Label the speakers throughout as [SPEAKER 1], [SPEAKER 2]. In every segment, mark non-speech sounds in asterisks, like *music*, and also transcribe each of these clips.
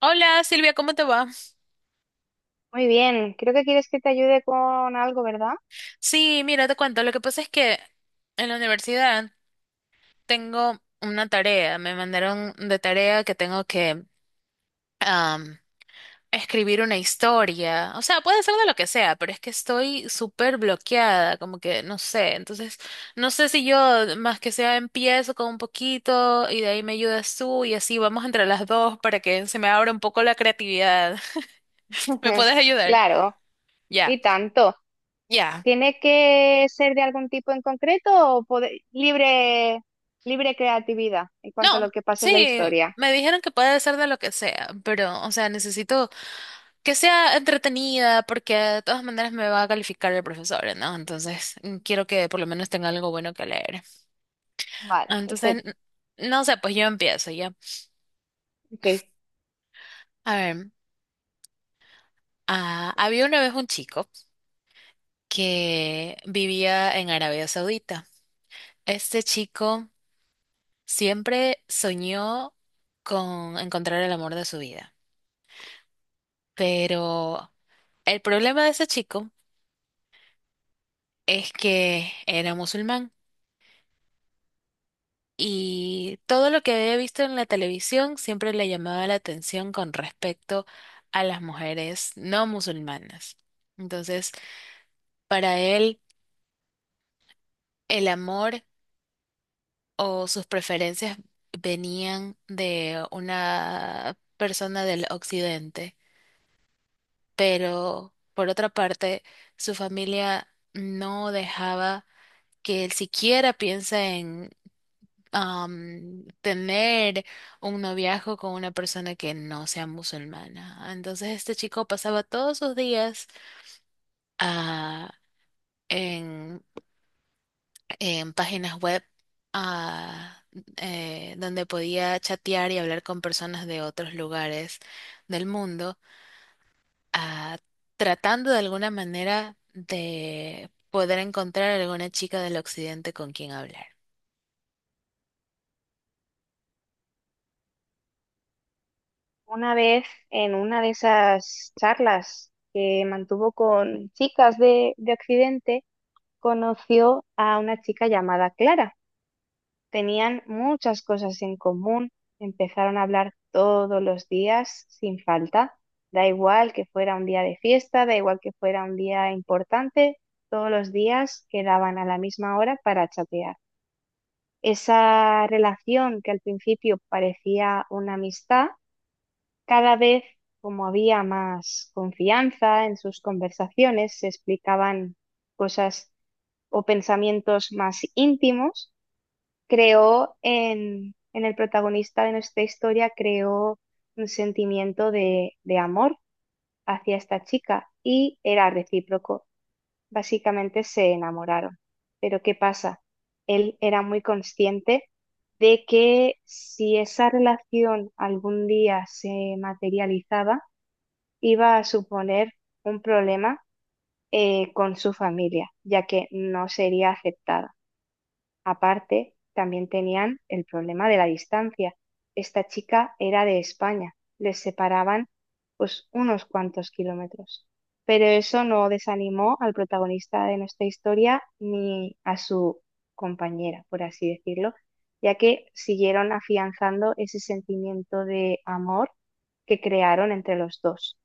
[SPEAKER 1] Hola Silvia, ¿cómo te va?
[SPEAKER 2] Muy bien, creo que quieres que te ayude con algo, ¿verdad?
[SPEAKER 1] Sí, mira, te cuento. Lo que pasa es que en la universidad tengo una tarea. Me mandaron de tarea que tengo que am, escribir una historia. O sea, puede ser de lo que sea, pero es que estoy súper bloqueada, como que no sé. Entonces, no sé si yo más que sea empiezo con un poquito y de ahí me ayudas tú y así vamos entre las dos para que se me abra un poco la creatividad. *laughs* ¿Me
[SPEAKER 2] *laughs*
[SPEAKER 1] puedes ayudar?
[SPEAKER 2] Claro,
[SPEAKER 1] Ya.
[SPEAKER 2] y tanto.
[SPEAKER 1] Ya.
[SPEAKER 2] ¿Tiene que ser de algún tipo en concreto o libre, libre creatividad en cuanto a lo
[SPEAKER 1] No,
[SPEAKER 2] que pasa en la
[SPEAKER 1] sí,
[SPEAKER 2] historia?
[SPEAKER 1] me dijeron que puede ser de lo que sea, pero, o sea, necesito que sea entretenida porque de todas maneras me va a calificar el profesor, ¿no? Entonces, quiero que por lo menos tenga algo bueno que leer.
[SPEAKER 2] Vale,
[SPEAKER 1] Entonces,
[SPEAKER 2] perfecto.
[SPEAKER 1] no sé, pues yo empiezo ya.
[SPEAKER 2] Ok.
[SPEAKER 1] A ver, había una vez un chico que vivía en Arabia Saudita. Este chico siempre soñó con encontrar el amor de su vida, pero el problema de ese chico es que era musulmán y todo lo que había visto en la televisión siempre le llamaba la atención con respecto a las mujeres no musulmanas. Entonces, para él, el amor o sus preferencias venían de una persona del occidente, pero por otra parte, su familia no dejaba que él siquiera piense tener un noviazgo con una persona que no sea musulmana. Entonces este chico pasaba todos sus días ah, en, en páginas web ah, donde podía chatear y hablar con personas de otros lugares del mundo, ah, tratando de alguna manera de poder encontrar alguna chica del occidente con quien hablar.
[SPEAKER 2] Una vez en una de esas charlas que mantuvo con chicas de Occidente, conoció a una chica llamada Clara. Tenían muchas cosas en común, empezaron a hablar todos los días sin falta. Da igual que fuera un día de fiesta, da igual que fuera un día importante, todos los días quedaban a la misma hora para chatear. Esa relación que al principio parecía una amistad, cada vez como había más confianza en sus conversaciones, se explicaban cosas o pensamientos más íntimos creó en el protagonista de nuestra historia, creó un sentimiento de amor hacia esta chica y era recíproco. Básicamente se enamoraron. Pero ¿qué pasa? Él era muy consciente de que si esa relación algún día se materializaba, iba a suponer un problema con su familia, ya que no sería aceptada. Aparte, también tenían el problema de la distancia. Esta chica era de España, les separaban pues unos cuantos kilómetros. Pero eso no desanimó al protagonista de nuestra historia ni a su compañera, por así decirlo, ya que siguieron afianzando ese sentimiento de amor que crearon entre los dos.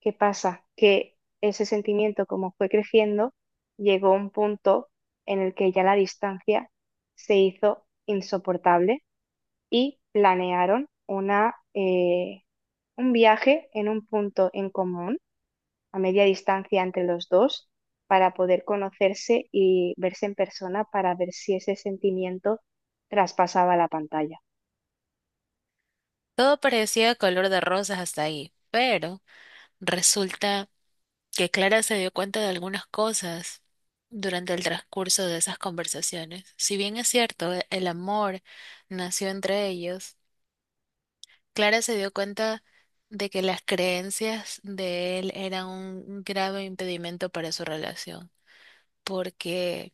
[SPEAKER 2] ¿Qué pasa? Que ese sentimiento, como fue creciendo, llegó a un punto en el que ya la distancia se hizo insoportable y planearon un viaje en un punto en común, a media distancia entre los dos, para poder conocerse y verse en persona para ver si ese sentimiento traspasaba la pantalla.
[SPEAKER 1] Todo parecía color de rosas hasta ahí, pero resulta que Clara se dio cuenta de algunas cosas durante el transcurso de esas conversaciones. Si bien es cierto, el amor nació entre ellos, Clara se dio cuenta de que las creencias de él eran un grave impedimento para su relación, porque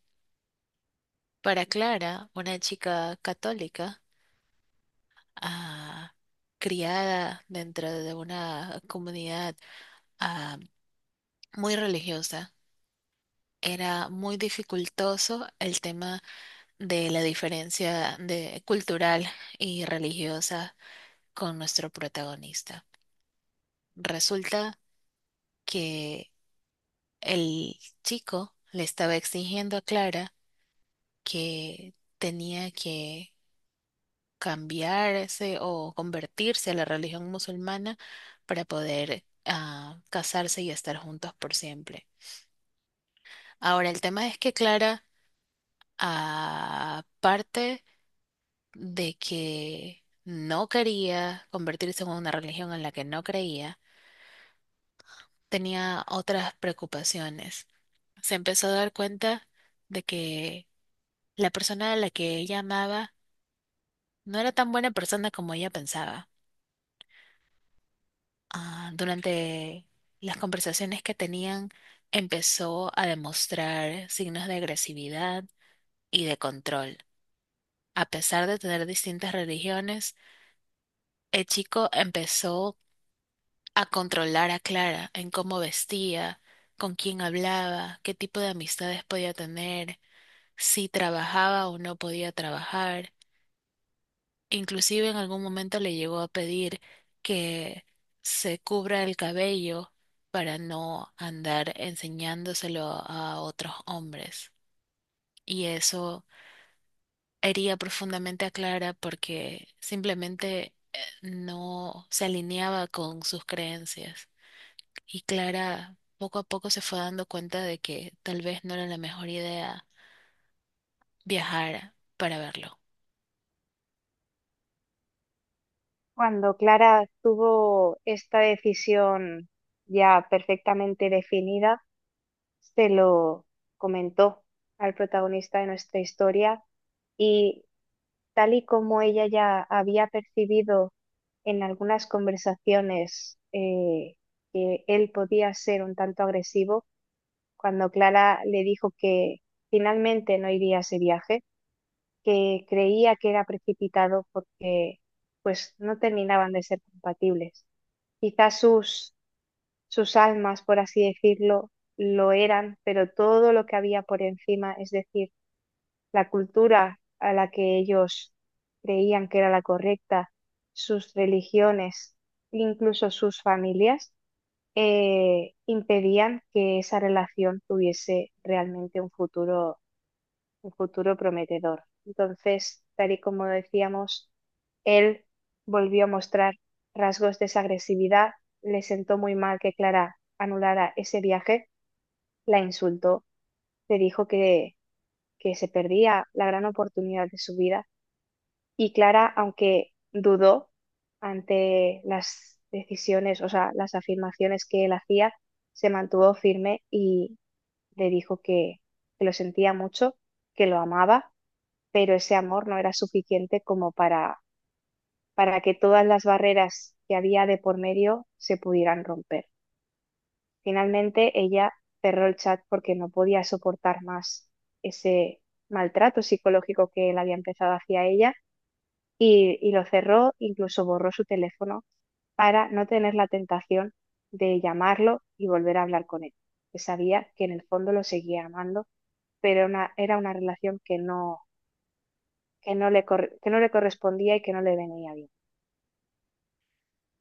[SPEAKER 1] para Clara, una chica católica, ah, criada dentro de una comunidad ah, muy religiosa, era muy dificultoso el tema de la diferencia de, cultural y religiosa con nuestro protagonista. Resulta que el chico le estaba exigiendo a Clara que tenía que cambiarse o convertirse a la religión musulmana para poder casarse y estar juntos por siempre. Ahora, el tema es que Clara, aparte de que no quería convertirse en una religión en la que no creía, tenía otras preocupaciones. Se empezó a dar cuenta de que la persona a la que ella amaba no era tan buena persona como ella pensaba. Durante las conversaciones que tenían, empezó a demostrar signos de agresividad y de control. A pesar de tener distintas religiones, el chico empezó a controlar a Clara en cómo vestía, con quién hablaba, qué tipo de amistades podía tener, si trabajaba o no podía trabajar. Inclusive en algún momento le llegó a pedir que se cubra el cabello para no andar enseñándoselo a otros hombres. Y eso hería profundamente a Clara porque simplemente no se alineaba con sus creencias. Y Clara poco a poco se fue dando cuenta de que tal vez no era la mejor idea viajar para verlo.
[SPEAKER 2] Cuando Clara tuvo esta decisión ya perfectamente definida, se lo comentó al protagonista de nuestra historia y tal y como ella ya había percibido en algunas conversaciones que él podía ser un tanto agresivo, cuando Clara le dijo que finalmente no iría a ese viaje, que creía que era precipitado porque pues no terminaban de ser compatibles. Quizás sus almas, por así decirlo, lo eran, pero todo lo que había por encima, es decir, la cultura a la que ellos creían que era la correcta, sus religiones, incluso sus familias, impedían que esa relación tuviese realmente un futuro prometedor. Entonces, tal y como decíamos, él volvió a mostrar rasgos de esa agresividad, le sentó muy mal que Clara anulara ese viaje, la insultó, le dijo que se perdía la gran oportunidad de su vida y Clara, aunque dudó ante las decisiones, o sea, las afirmaciones que él hacía, se mantuvo firme y le dijo que lo sentía mucho, que lo amaba pero ese amor no era suficiente como para que todas las barreras que había de por medio se pudieran romper. Finalmente ella cerró el chat porque no podía soportar más ese maltrato psicológico que él había empezado hacia ella y lo cerró, incluso borró su teléfono para no tener la tentación de llamarlo y volver a hablar con él, que sabía que en el fondo lo seguía amando, pero era una relación que que no le correspondía y que no le venía bien.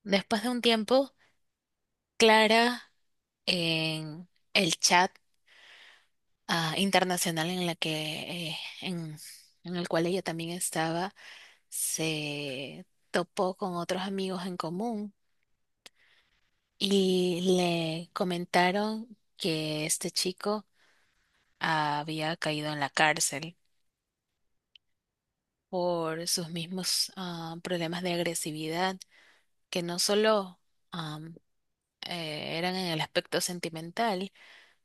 [SPEAKER 1] Después de un tiempo, Clara en el chat internacional en la que en el cual ella también estaba, se topó con otros amigos en común y le comentaron que este chico había caído en la cárcel por sus mismos problemas de agresividad que no solo am, eran en el aspecto sentimental,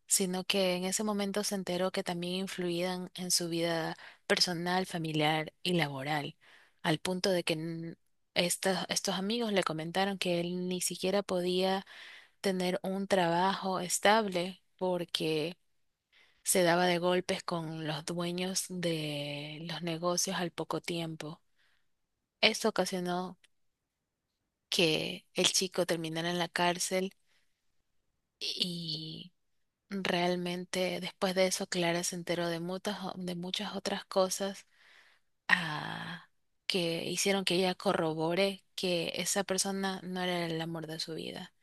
[SPEAKER 1] sino que en ese momento se enteró que también influían en su vida personal, familiar y laboral, al punto de que estos amigos le comentaron que él ni siquiera podía tener un trabajo estable porque se daba de golpes con los dueños de los negocios al poco tiempo. Esto ocasionó que el chico terminara en la cárcel. Y realmente después de eso, Clara se enteró de muchas, de muchas otras cosas ah, que hicieron que ella corrobore que esa persona no era el amor de su vida.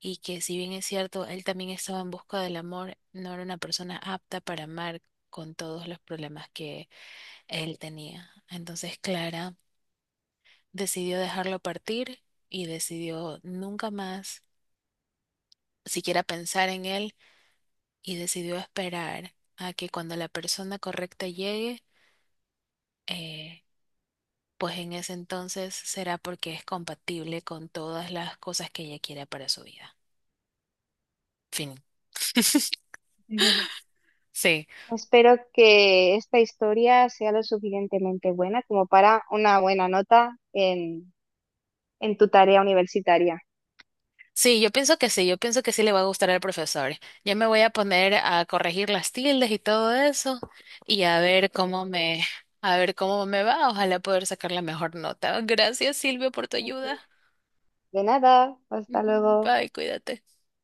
[SPEAKER 1] Y que si bien es cierto, él también estaba en busca del amor, no era una persona apta para amar con todos los problemas que él tenía. Entonces Clara decidió dejarlo partir y decidió nunca más siquiera pensar en él y decidió esperar a que cuando la persona correcta llegue, eh, pues en ese entonces será porque es compatible con todas las cosas que ella quiera para su vida. Fin. *laughs*
[SPEAKER 2] Ujú.
[SPEAKER 1] Sí,
[SPEAKER 2] Espero que esta historia sea lo suficientemente buena como para una buena nota en tu tarea universitaria.
[SPEAKER 1] sí, yo pienso que sí, yo pienso que sí le va a gustar al profesor. Ya me voy a poner a corregir las tildes y todo eso y a ver a ver cómo me va. Ojalá poder sacar la mejor nota. Gracias, Silvio, por tu
[SPEAKER 2] Ok.
[SPEAKER 1] ayuda. *laughs*
[SPEAKER 2] De nada, hasta
[SPEAKER 1] Ujú,
[SPEAKER 2] luego.
[SPEAKER 1] Bye, cuídate.